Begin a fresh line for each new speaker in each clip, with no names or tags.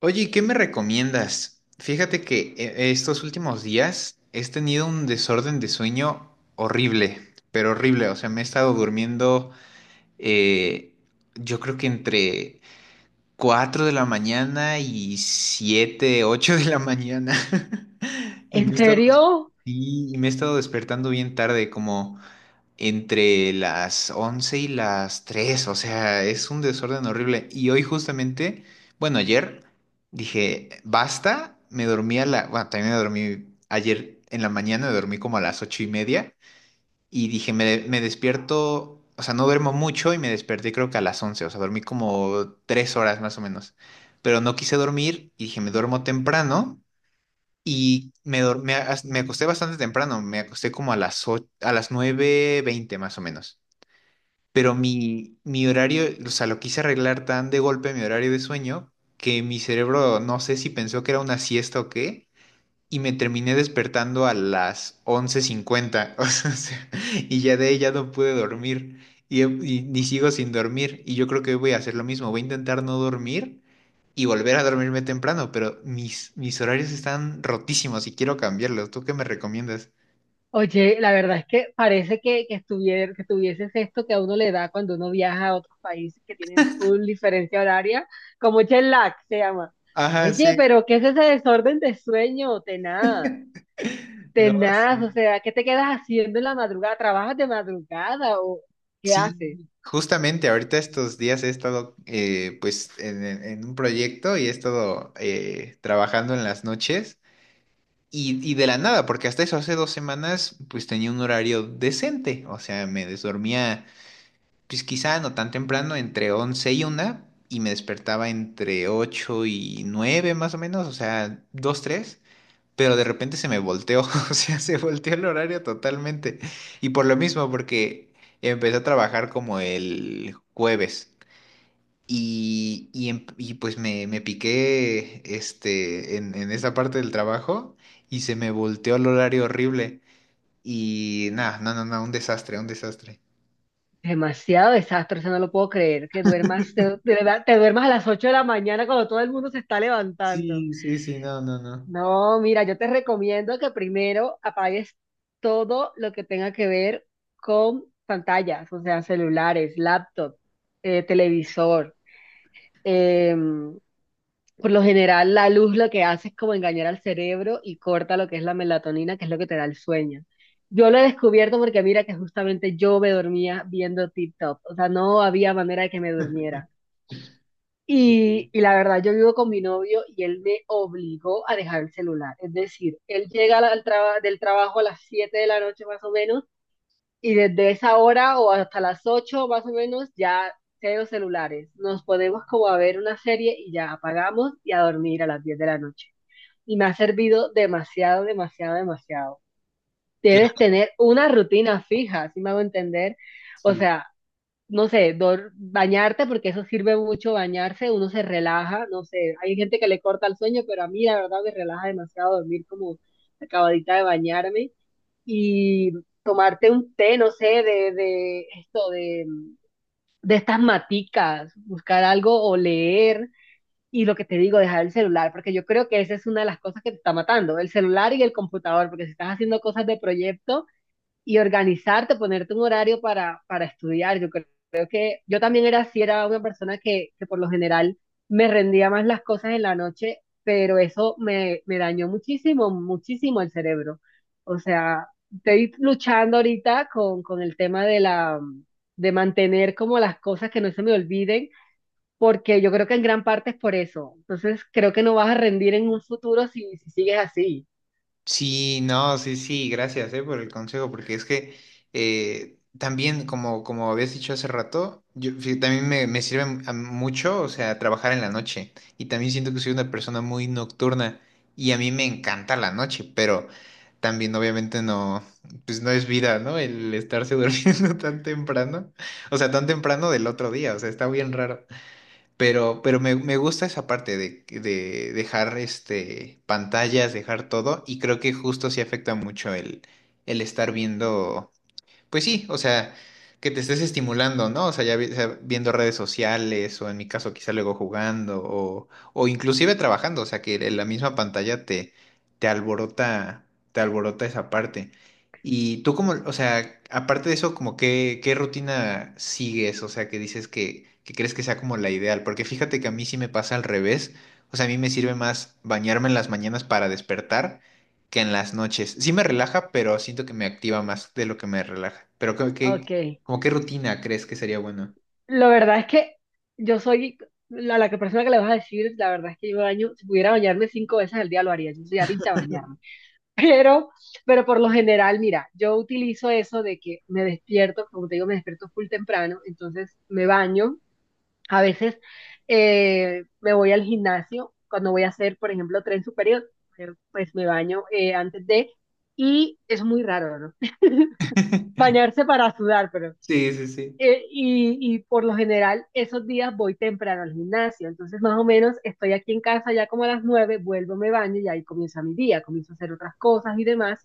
Oye, ¿y ¿qué me recomiendas? Fíjate que estos últimos días he tenido un desorden de sueño horrible, pero horrible. O sea, me he estado durmiendo, eh, yo creo que entre 4 de la mañana y 7, 8 de la mañana. Y me
¿En
he estado,
serio?
sí, y me he estado despertando bien tarde, como entre las 11 y las 3, o sea, es un desorden horrible. Y hoy justamente, bueno, ayer dije, basta, me dormí a la, bueno, también me dormí ayer en la mañana, me dormí como a las ocho y media y dije, me despierto, o sea, no duermo mucho y me desperté creo que a las 11, o sea, dormí como tres horas más o menos, pero no quise dormir y dije, me duermo temprano. Me acosté bastante temprano, me acosté como a a las nueve veinte más o menos, pero mi horario, o sea, lo quise arreglar tan de golpe mi horario de sueño, que mi cerebro no sé si pensó que era una siesta o qué, y me terminé despertando a las 11:50, o sea, y ya de ahí ya no pude dormir, y sigo sin dormir, y yo creo que hoy voy a hacer lo mismo, voy a intentar no dormir y volver a dormirme temprano, pero mis horarios están rotísimos y quiero cambiarlos. ¿Tú qué me recomiendas?
Oye, la verdad es que parece que que tuvieses esto que a uno le da cuando uno viaja a otros países que tienen full diferencia horaria, como jet lag se llama.
Ajá,
Oye,
sí.
pero ¿qué es ese desorden de sueño? Tenaz,
No,
tenaz,
sí.
o sea, ¿qué te quedas haciendo en la madrugada? ¿Trabajas de madrugada o qué
Sí,
haces?
justamente ahorita estos días he estado, pues en un proyecto y he estado, trabajando en las noches y de la nada, porque hasta eso hace dos semanas pues tenía un horario decente, o sea, me desdormía pues quizá no tan temprano, entre 11 y una, y me despertaba entre 8 y 9 más o menos, o sea, 2 tres, pero de repente se me volteó, o sea, se volteó el horario totalmente. Y por lo mismo, porque empecé a trabajar como el jueves. Y, y pues me piqué este, en esa parte del trabajo, y se me volteó el horario horrible. Y nada, no, no, no, un desastre, un desastre.
Demasiado desastre, eso no lo puedo creer, que de verdad, te duermas a las 8 de la mañana cuando todo el mundo se está levantando.
Sí, sí, sí, no, no, no.
No, mira, yo te recomiendo que primero apagues todo lo que tenga que ver con pantallas, o sea, celulares, laptop, televisor. Em, por lo general, la luz lo que hace es como engañar al cerebro y corta lo que es la melatonina, que es lo que te da el sueño. Yo lo he descubierto porque mira que justamente yo me dormía viendo TikTok, o sea, no había manera de que me durmiera. Y,
Ok.
y la verdad, yo vivo con mi novio y él me obligó a dejar el celular. Es decir, él llega al del trabajo a las 7 de la noche más o menos, y desde esa hora o hasta las 8 más o menos ya cero celulares. Nos ponemos como a ver una serie y ya apagamos y a dormir a las 10 de la noche. Y me ha servido demasiado, demasiado, demasiado. Debes
Claro.
tener una rutina fija, si me hago entender. O
Sí.
sea, no sé, bañarte, porque eso sirve mucho bañarse, uno se relaja, no sé, hay gente que le corta el sueño, pero a mí la verdad me relaja demasiado dormir como acabadita de bañarme y tomarte un té, no sé, de estas maticas, buscar algo o leer. Y lo que te digo, dejar el celular, porque yo creo que esa es una de las cosas que te está matando, el celular y el computador, porque si estás haciendo cosas de proyecto y organizarte, ponerte un horario para estudiar, yo creo yo también era así, era una persona que por lo general me rendía más las cosas en la noche, pero me dañó muchísimo, muchísimo el cerebro. O sea, estoy luchando ahorita con el tema de de mantener como las cosas que no se me olviden, porque yo creo que en gran parte es por eso. Entonces, creo que no vas a rendir en un futuro si sigues así.
Sí, no, sí, sí, gracias, por el consejo, porque es que, también, como habías dicho hace rato, también me sirve a mucho, o sea, trabajar en la noche. Y también siento que soy una persona muy nocturna y a mí me encanta la noche, pero también obviamente no, pues no es vida, ¿no? El estarse durmiendo tan temprano, o sea, tan temprano del otro día, o sea, está bien raro. Pero me gusta esa parte de dejar este, pantallas, dejar todo, y creo que justo sí afecta mucho el estar viendo. Pues sí, o sea, que te estés estimulando, ¿no? O sea, o sea, viendo redes sociales o en mi caso quizá luego jugando o inclusive trabajando, o sea, que en la misma pantalla te alborota, te alborota esa parte. Y tú como, o sea, aparte de eso, como qué rutina sigues, o sea, que crees que sea como la ideal, porque fíjate que a mí sí me pasa al revés, o sea, a mí me sirve más bañarme en las mañanas para despertar que en las noches. Sí me relaja, pero siento que me activa más de lo que me relaja. Pero creo que,
Ok.
como qué rutina crees que sería bueno.
La verdad es que yo soy la persona que le vas a decir, la verdad es que yo me baño, si pudiera bañarme 5 veces al día lo haría, yo soy adicta a bañarme. Pero, pero por lo general, mira, yo utilizo eso de que me despierto, como te digo, me despierto full temprano, entonces me baño. A veces me voy al gimnasio cuando voy a hacer, por ejemplo, tren superior, pero pues me baño antes de, y es muy raro, ¿no? Bañarse para sudar,
Sí, sí, sí.
y por lo general esos días voy temprano al gimnasio, entonces más o menos estoy aquí en casa ya como a las 9, vuelvo, me baño y ahí comienza mi día, comienzo a hacer otras cosas y demás.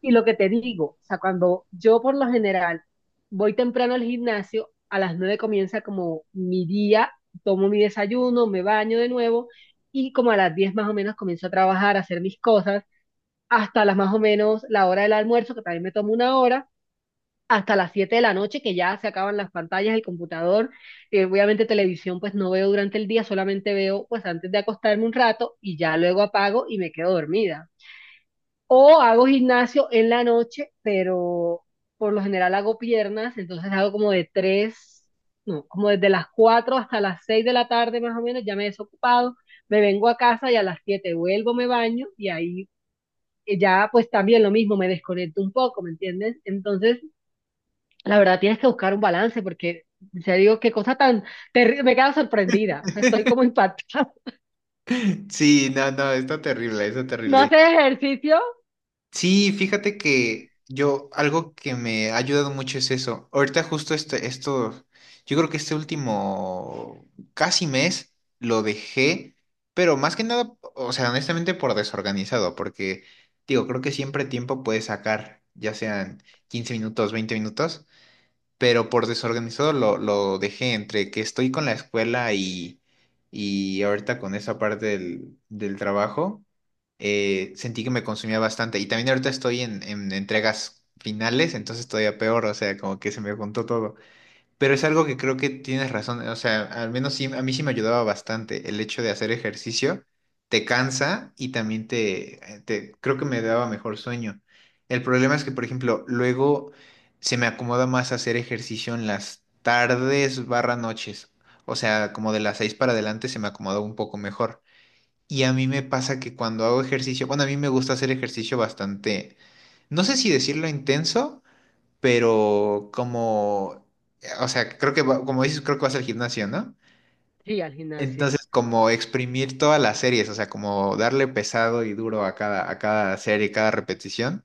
Y lo que te digo, o sea, cuando yo por lo general voy temprano al gimnasio, a las nueve comienza como mi día, tomo mi desayuno, me baño de nuevo y como a las 10 más o menos comienzo a trabajar, a hacer mis cosas, hasta las más o menos la hora del almuerzo, que también me tomo 1 hora hasta las 7 de la noche, que ya se acaban las pantallas, el computador, obviamente televisión pues no veo durante el día, solamente veo pues antes de acostarme un rato y ya luego apago y me quedo dormida. O hago gimnasio en la noche, pero por lo general hago piernas, entonces hago como de 3 no, como desde las 4 hasta las 6 de la tarde más o menos, ya me he desocupado, me vengo a casa y a las 7 vuelvo, me baño y ahí ya pues también lo mismo, me desconecto un poco, ¿me entiendes? Entonces… La verdad, tienes que buscar un balance porque, ya digo, qué cosa tan terrible. Me quedo sorprendida. O sea, estoy como impactada.
Sí, no, no, está terrible, está
¿No
terrible.
haces ejercicio?
Sí, fíjate que yo, algo que me ha ayudado mucho es eso. Ahorita justo esto, yo creo que este último casi mes lo dejé, pero más que nada, o sea, honestamente por desorganizado, porque digo, creo que siempre tiempo puedes sacar, ya sean 15 minutos, 20 minutos, pero por desorganizado lo dejé entre que estoy con la escuela y ahorita con esa parte del trabajo, sentí que me consumía bastante. Y también ahorita estoy en entregas finales, entonces todavía peor, o sea, como que se me juntó todo. Pero es algo que creo que tienes razón, o sea, al menos sí, a mí sí me ayudaba bastante el hecho de hacer ejercicio, te cansa y también te, creo que me daba mejor sueño. El problema es que, por ejemplo, luego se me acomoda más hacer ejercicio en las tardes barra noches, o sea, como de las seis para adelante se me acomoda un poco mejor. Y a mí me pasa que cuando hago ejercicio, bueno, a mí me gusta hacer ejercicio bastante, no sé si decirlo intenso, pero como, o sea, creo que, como dices, creo que vas al gimnasio, ¿no?
Sí, al gimnasio.
Entonces, como exprimir todas las series, o sea, como darle pesado y duro a cada serie, cada repetición.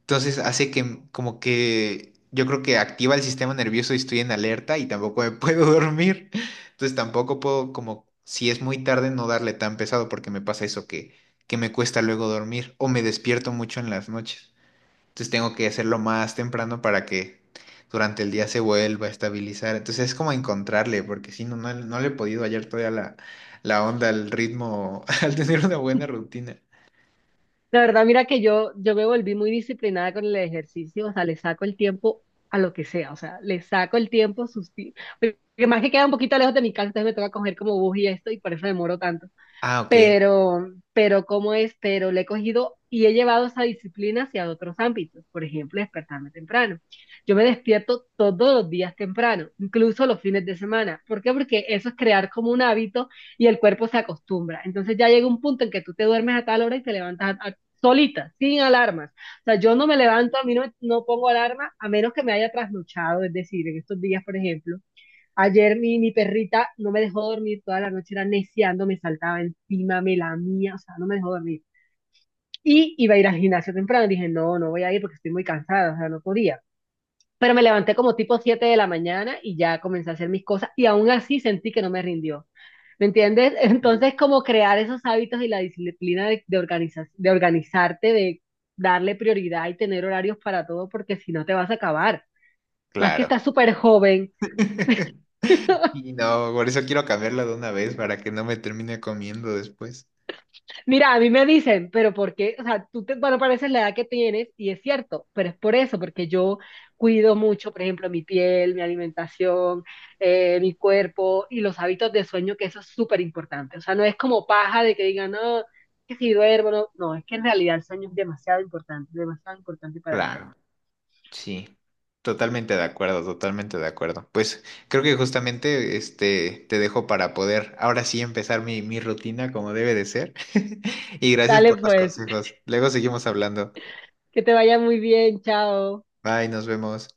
Entonces, hace que como que yo creo que activa el sistema nervioso y estoy en alerta y tampoco me puedo dormir. Entonces, tampoco puedo como, si es muy tarde, no darle tan pesado porque me pasa eso que me cuesta luego dormir o me despierto mucho en las noches. Entonces tengo que hacerlo más temprano para que durante el día se vuelva a estabilizar. Entonces es como encontrarle, porque si no, no, no le he podido hallar todavía la onda, el ritmo, al tener una buena rutina.
La verdad, mira que yo me volví muy disciplinada con el ejercicio. O sea, le saco el tiempo a lo que sea. O sea, le saco el tiempo. Que más que queda un poquito lejos de mi casa, entonces me toca coger como bus y esto y por eso demoro tanto.
Ah, ok,
pero, pero le he cogido y he llevado esa disciplina hacia otros ámbitos, por ejemplo, despertarme temprano. Yo me despierto todos los días temprano, incluso los fines de semana. ¿Por qué? Porque eso es crear como un hábito y el cuerpo se acostumbra. Entonces ya llega un punto en que tú te duermes a tal hora y te levantas solita, sin alarmas. O sea, yo no me levanto, a mí no pongo alarma a menos que me haya trasnochado, es decir, en estos días, por ejemplo, ayer mi perrita no me dejó dormir toda la noche, era neciando, me saltaba encima, me lamía, o sea, no me dejó dormir. Y iba a ir al gimnasio temprano, dije, no voy a ir porque estoy muy cansada, o sea, no podía. Pero me levanté como tipo 7 de la mañana y ya comencé a hacer mis cosas y aún así sentí que no me rindió. ¿Me entiendes?
y
Entonces, como crear esos hábitos y la disciplina de de organizarte, de darle prioridad y tener horarios para todo, porque si no te vas a acabar. Más que
claro.
estás súper joven.
Y no, por eso quiero cambiarla de una vez para que no me termine comiendo después.
Mira, a mí me dicen, pero ¿por qué? O sea, tú te, bueno, pareces la edad que tienes y es cierto, pero es por eso, porque yo cuido mucho, por ejemplo, mi piel, mi alimentación, mi cuerpo y los hábitos de sueño, que eso es súper importante. O sea, no es como paja de que digan, no, que si duermo, no, es que en realidad el sueño es demasiado importante para el cuerpo.
Claro. Sí, totalmente de acuerdo, totalmente de acuerdo. Pues creo que justamente este te dejo para poder ahora sí empezar mi rutina como debe de ser. Y gracias
Dale
por los
pues,
consejos. Luego seguimos hablando.
que te vaya muy bien, chao.
Bye, nos vemos.